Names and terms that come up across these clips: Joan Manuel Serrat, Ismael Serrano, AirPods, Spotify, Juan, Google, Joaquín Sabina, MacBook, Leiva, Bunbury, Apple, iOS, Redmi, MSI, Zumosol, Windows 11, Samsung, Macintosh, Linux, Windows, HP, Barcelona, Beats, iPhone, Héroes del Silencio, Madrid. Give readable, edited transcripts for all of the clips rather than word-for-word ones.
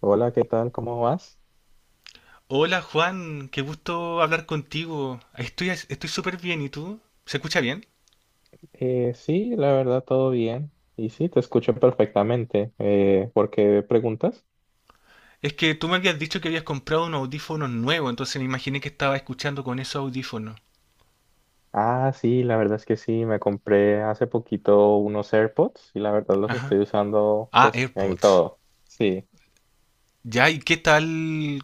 Hola, ¿qué tal? ¿Cómo vas? Hola Juan, qué gusto hablar contigo. Estoy súper bien, ¿y tú? ¿Se escucha bien? Sí, la verdad, todo bien. Y sí, te escucho perfectamente. ¿Por qué preguntas? Es que tú me habías dicho que habías comprado unos audífonos nuevos, entonces me imaginé que estaba escuchando con esos audífonos. Ah, sí, la verdad es que sí, me compré hace poquito unos AirPods y la verdad los Ajá. estoy usando Ah, pues en AirPods. todo. Sí. Ya, ¿y qué tal?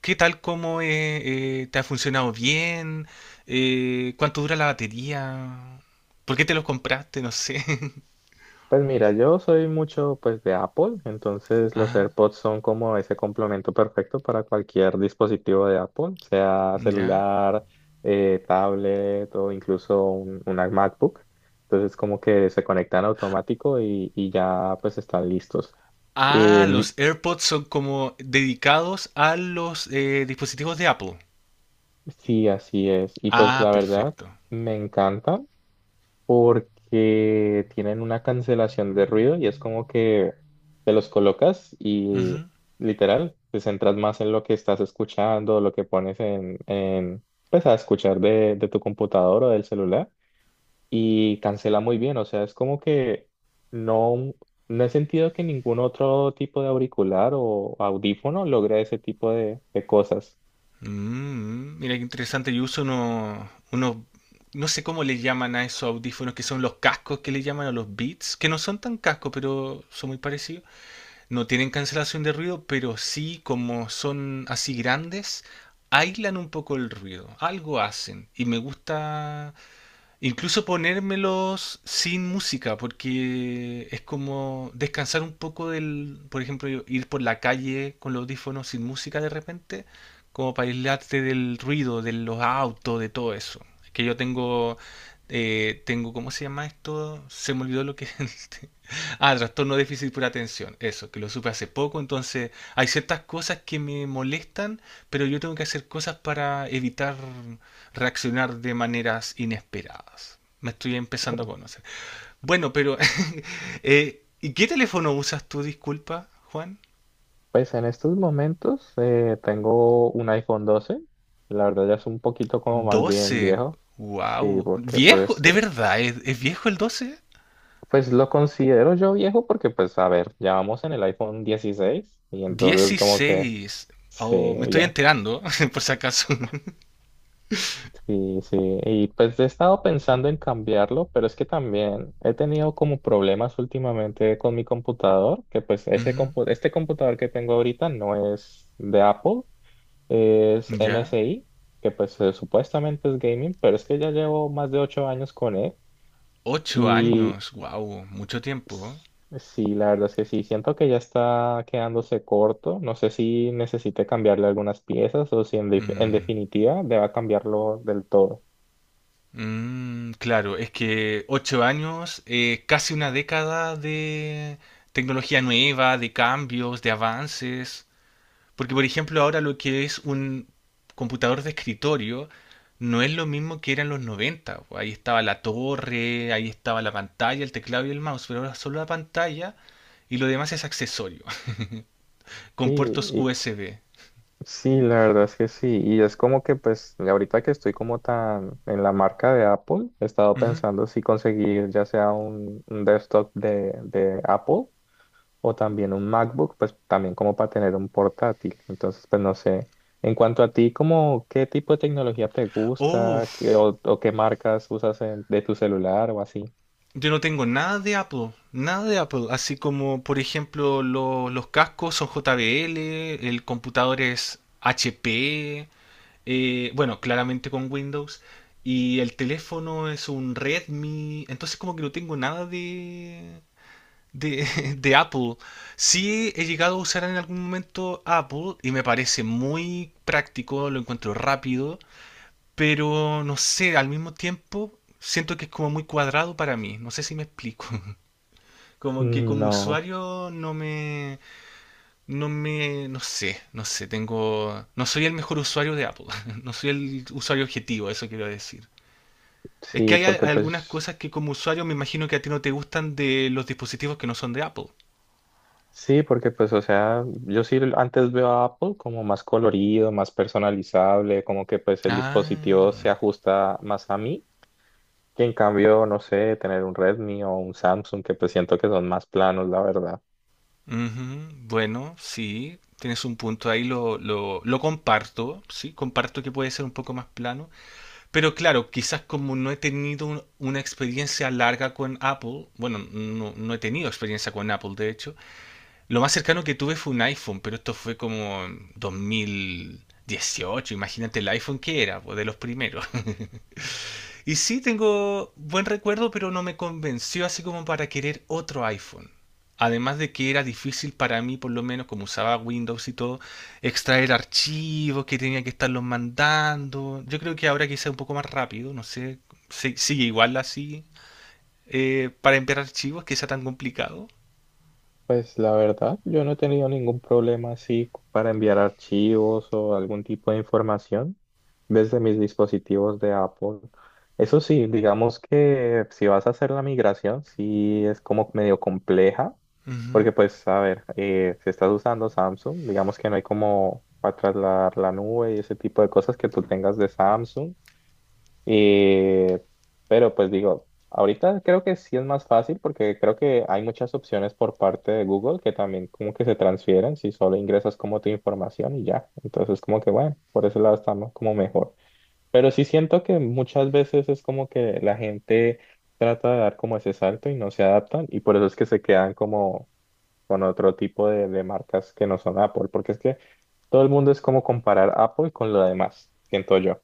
¿Qué tal cómo te ha funcionado bien? ¿Cuánto dura la batería? ¿Por qué te los compraste? No sé. Pues mira, yo soy mucho pues de Apple, entonces los Ajá. AirPods son como ese complemento perfecto para cualquier dispositivo de Apple, sea Ya. celular, tablet o incluso una MacBook. Entonces como que se conectan automático y ya pues están listos. Ah, Em, los AirPods son como dedicados a los dispositivos de Apple. sí, así es. Y pues Ah, la verdad perfecto. me encanta, porque tienen una cancelación de ruido y es como que te los colocas y Ujú. literal te centras más en lo que estás escuchando, lo que pones en pues a escuchar de tu computador o del celular y cancela muy bien, o sea, es como que no, no he sentido que ningún otro tipo de auricular o audífono logre ese tipo de cosas. Mm, mira qué interesante. Yo uso unos, no sé cómo le llaman a esos audífonos, que son los cascos que le llaman a los Beats, que no son tan cascos, pero son muy parecidos. No tienen cancelación de ruido, pero sí, como son así grandes, aislan un poco el ruido. Algo hacen. Y me gusta incluso ponérmelos sin música, porque es como descansar un poco del, por ejemplo, yo ir por la calle con los audífonos sin música de repente, como para aislarte del ruido, de los autos, de todo eso. Que yo tengo, tengo, ¿cómo se llama esto? Se me olvidó lo que es. Ah, trastorno de déficit por atención, eso, que lo supe hace poco, entonces hay ciertas cosas que me molestan, pero yo tengo que hacer cosas para evitar reaccionar de maneras inesperadas. Me estoy empezando a conocer. Bueno, pero ¿y qué teléfono usas tú, disculpa, Juan? Pues en estos momentos tengo un iPhone doce. La verdad ya es un poquito como más bien 12. viejo. Sí, Wow, porque viejo, ¿de verdad es viejo el doce? pues lo considero yo viejo porque pues a ver, ya vamos en el iPhone 16 y entonces como que Dieciséis. Oh, me sí, estoy ya. enterando, por si acaso. Sí, sí. Y pues he estado pensando en cambiarlo, pero es que también he tenido como problemas últimamente con mi computador, que pues ese Ujú. Este computador que tengo ahorita no es de Apple. Es Ya. MSI, que pues supuestamente es gaming, pero es que ya llevo más de ocho años con él Ocho y años, wow, mucho tiempo. s- sí, la verdad es que sí, siento que ya está quedándose corto, no sé si necesite cambiarle algunas piezas o si en, en Mm, definitiva deba cambiarlo del todo. mm, claro, es que 8 años, casi una década de tecnología nueva, de cambios, de avances. Porque, por ejemplo, ahora lo que es un computador de escritorio no es lo mismo que era en los 90 po. Ahí estaba la torre, ahí estaba la pantalla, el teclado y el mouse, pero ahora solo la pantalla y lo demás es accesorio, Sí, con puertos y- USB. sí, la verdad es que sí, y es como que pues ahorita que estoy como tan en la marca de Apple, he estado Ujú. pensando si conseguir ya sea un desktop de Apple o también un MacBook, pues también como para tener un portátil. Entonces, pues no sé. En cuanto a ti, como qué tipo de tecnología te gusta. ¿Qué... Uf, o qué marcas usas en- de tu celular o así? yo no tengo nada de Apple, nada de Apple, así como por ejemplo los cascos son JBL, el computador es HP, bueno, claramente con Windows, y el teléfono es un Redmi, entonces como que no tengo nada de, de, de Apple. Sí he llegado a usar en algún momento Apple y me parece muy práctico, lo encuentro rápido, pero no sé, al mismo tiempo siento que es como muy cuadrado para mí, no sé si me explico. Como que como No, usuario no me, no sé, no sé, tengo, no soy el mejor usuario de Apple, no soy el usuario objetivo, eso quiero decir. Es que sí, hay porque algunas cosas que como usuario me imagino que a ti no te gustan de los dispositivos que no son de Apple. sí, porque pues, o sea, yo sí antes veo a Apple como más colorido, más personalizable, como que pues el dispositivo se Ah, ajusta más a mí, que en cambio, no sé, tener un Redmi o un Samsung, que pues siento que son más planos, la verdad. ujú. Bueno, sí, tienes un punto ahí, lo comparto, sí, comparto que puede ser un poco más plano. Pero claro, quizás como no he tenido una experiencia larga con Apple, bueno, no, no he tenido experiencia con Apple, de hecho, lo más cercano que tuve fue un iPhone, pero esto fue como en 2018, imagínate el iPhone que era, pues, de los primeros. Y sí, tengo buen recuerdo, pero no me convenció así como para querer otro iPhone. Además de que era difícil para mí, por lo menos como usaba Windows y todo, extraer archivos que tenía que estarlos mandando. Yo creo que ahora quizá un poco más rápido, no sé, sigue igual así, para enviar archivos, que sea tan complicado. Pues la verdad, yo no he tenido ningún problema así para enviar archivos o algún tipo de información desde mis dispositivos de Apple. Eso sí, digamos que si vas a hacer la migración, sí es como medio compleja, Ujú. porque pues, a ver, si estás usando Samsung, digamos que no hay como para trasladar la nube y ese tipo de cosas que tú tengas de Samsung y, pero pues digo, ahorita creo que sí es más fácil porque creo que hay muchas opciones por parte de Google que también como que se transfieren si solo ingresas como tu información y ya. Entonces como que bueno, por ese lado está como mejor. Pero sí siento que muchas veces es como que la gente trata de dar como ese salto y no se adaptan y por eso es que se quedan como con otro tipo de marcas que no son Apple, porque es que todo el mundo es como comparar Apple con lo demás, siento yo.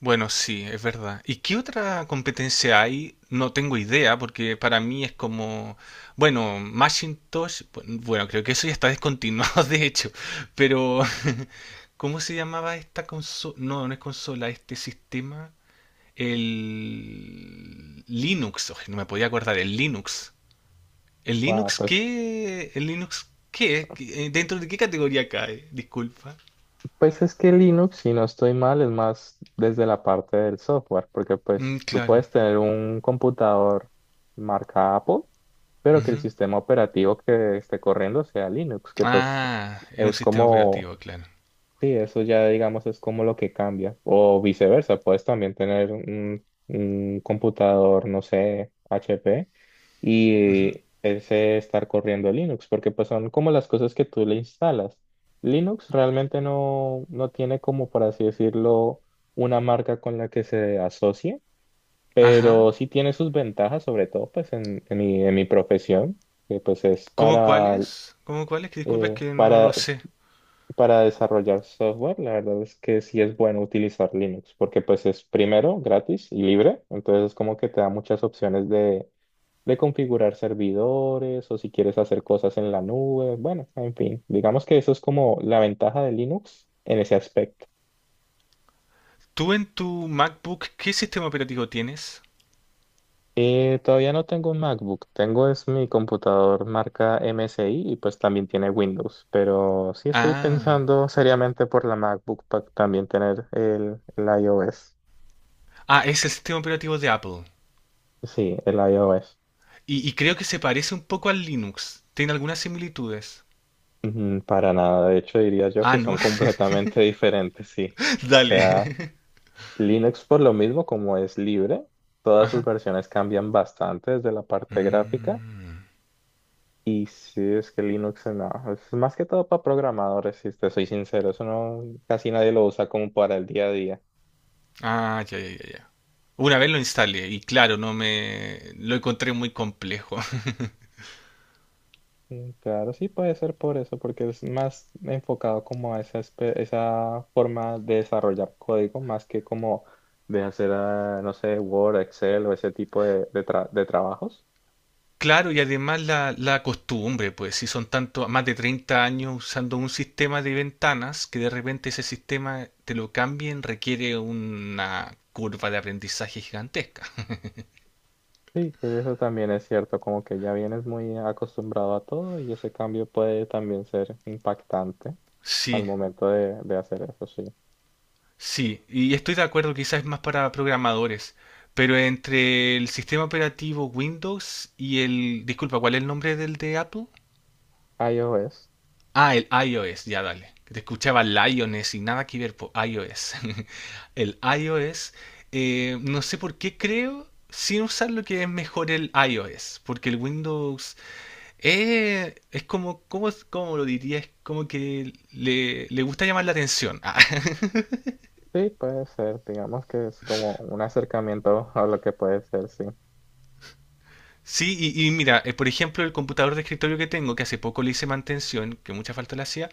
Bueno, sí, es verdad. ¿Y qué otra competencia hay? No tengo idea, porque para mí es como, bueno, Macintosh, bueno, creo que eso ya está descontinuado, de hecho, pero ¿cómo se llamaba esta consola? No, no es consola, este sistema, el Linux. Oye, no me podía acordar, el Linux. ¿El Wow, Linux pues, qué? ¿El Linux qué? ¿Dentro de qué categoría cae? Disculpa. pues es que Linux, si no estoy mal, es más desde la parte del software, porque Mm, pues tú claro. puedes tener un computador marca Apple, pero que el Ujú. sistema operativo que esté corriendo sea Linux, que pues Ah, es un es sistema como... operativo, claro. Sí, eso ya digamos es como lo que cambia. O viceversa, puedes también tener un computador, no sé, HP y ese estar corriendo Linux, porque pues son como las cosas que tú le instalas. Linux realmente no, no tiene como, por así decirlo, una marca con la que se asocie, Ajá. pero sí tiene sus ventajas, sobre todo pues en en mi profesión, que pues es ¿Cómo cuáles? ¿Cómo cuáles? Que disculpa, es eh, que no lo para sé. para desarrollar software, la verdad es que sí es bueno utilizar Linux, porque pues es primero gratis y libre, entonces es como que te da muchas opciones de configurar servidores o si quieres hacer cosas en la nube, bueno, en fin, digamos que eso es como la ventaja de Linux en ese aspecto. ¿Tú en tu MacBook qué sistema operativo tienes? Y todavía no tengo un MacBook, tengo es mi computador marca MSI y pues también tiene Windows, pero sí estoy Ah. pensando seriamente por la MacBook para también tener el iOS. Ah, es el sistema operativo de Apple. Sí, el iOS. Y creo que se parece un poco al Linux. Tiene algunas similitudes. Ujú. Para nada, de hecho diría yo Ah, que ¿no? son completamente diferentes, sí. O Dale. sea, Linux por lo mismo como es libre, todas sus Ajá. versiones cambian bastante desde la parte gráfica Mm. y sí, es que Linux no, es más que todo para programadores, si te soy sincero, eso no, casi nadie lo usa como para el día a día. Ah, ya, ya, ya, ya. Una vez lo instalé y claro, no me lo encontré muy complejo. Mm, claro, sí puede ser por eso, porque es más enfocado como a esa, esa forma de desarrollar código, más que como de hacer, ah, no sé, Word, Excel o ese tipo de trabajos. Claro, y además la costumbre, pues si son tanto, más de 30 años usando un sistema de ventanas, que de repente ese sistema te lo cambien, requiere una curva de aprendizaje gigantesca. Sí, que eso también es cierto, como que ya vienes muy acostumbrado a todo y ese cambio puede también ser impactante al Sí, momento de hacer eso, sí. sí, y estoy de acuerdo, quizás es más para programadores, pero entre el sistema operativo Windows y el, disculpa, ¿cuál es el nombre del de Apple? iOS, Ah, el iOS, ya dale. Que te escuchaba Lioness y nada que ver por iOS. El iOS, no sé por qué creo, sin usar lo que es mejor el iOS, porque el Windows es como, ¿cómo lo diría? Es como que le gusta llamar la atención. Ah, sí, puede ser, digamos que es como un acercamiento a lo que puede ser, sí. sí, y mira, por ejemplo, el computador de escritorio que tengo, que hace poco le hice mantención, que mucha falta le hacía.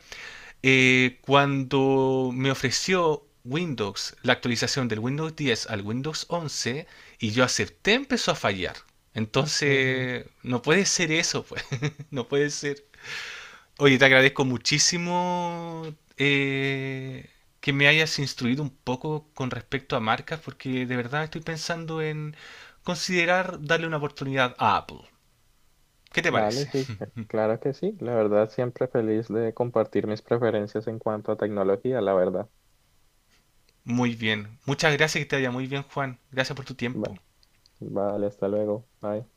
Cuando me ofreció Windows la actualización del Windows 10 al Windows 11 y yo acepté, empezó a fallar. Ujú. Entonces, no puede ser eso, pues. No puede ser. Oye, te agradezco muchísimo eh, que me hayas instruido un poco con respecto a marcas, porque de verdad estoy pensando en considerar darle una oportunidad a Apple. ¿Qué te Vale, parece? sí, claro que sí. La verdad, siempre feliz de compartir mis preferencias en cuanto a tecnología, la verdad. Muy bien. Muchas gracias, que te vaya muy bien, Juan. Gracias por tu Va- tiempo. vale, hasta luego. Bye.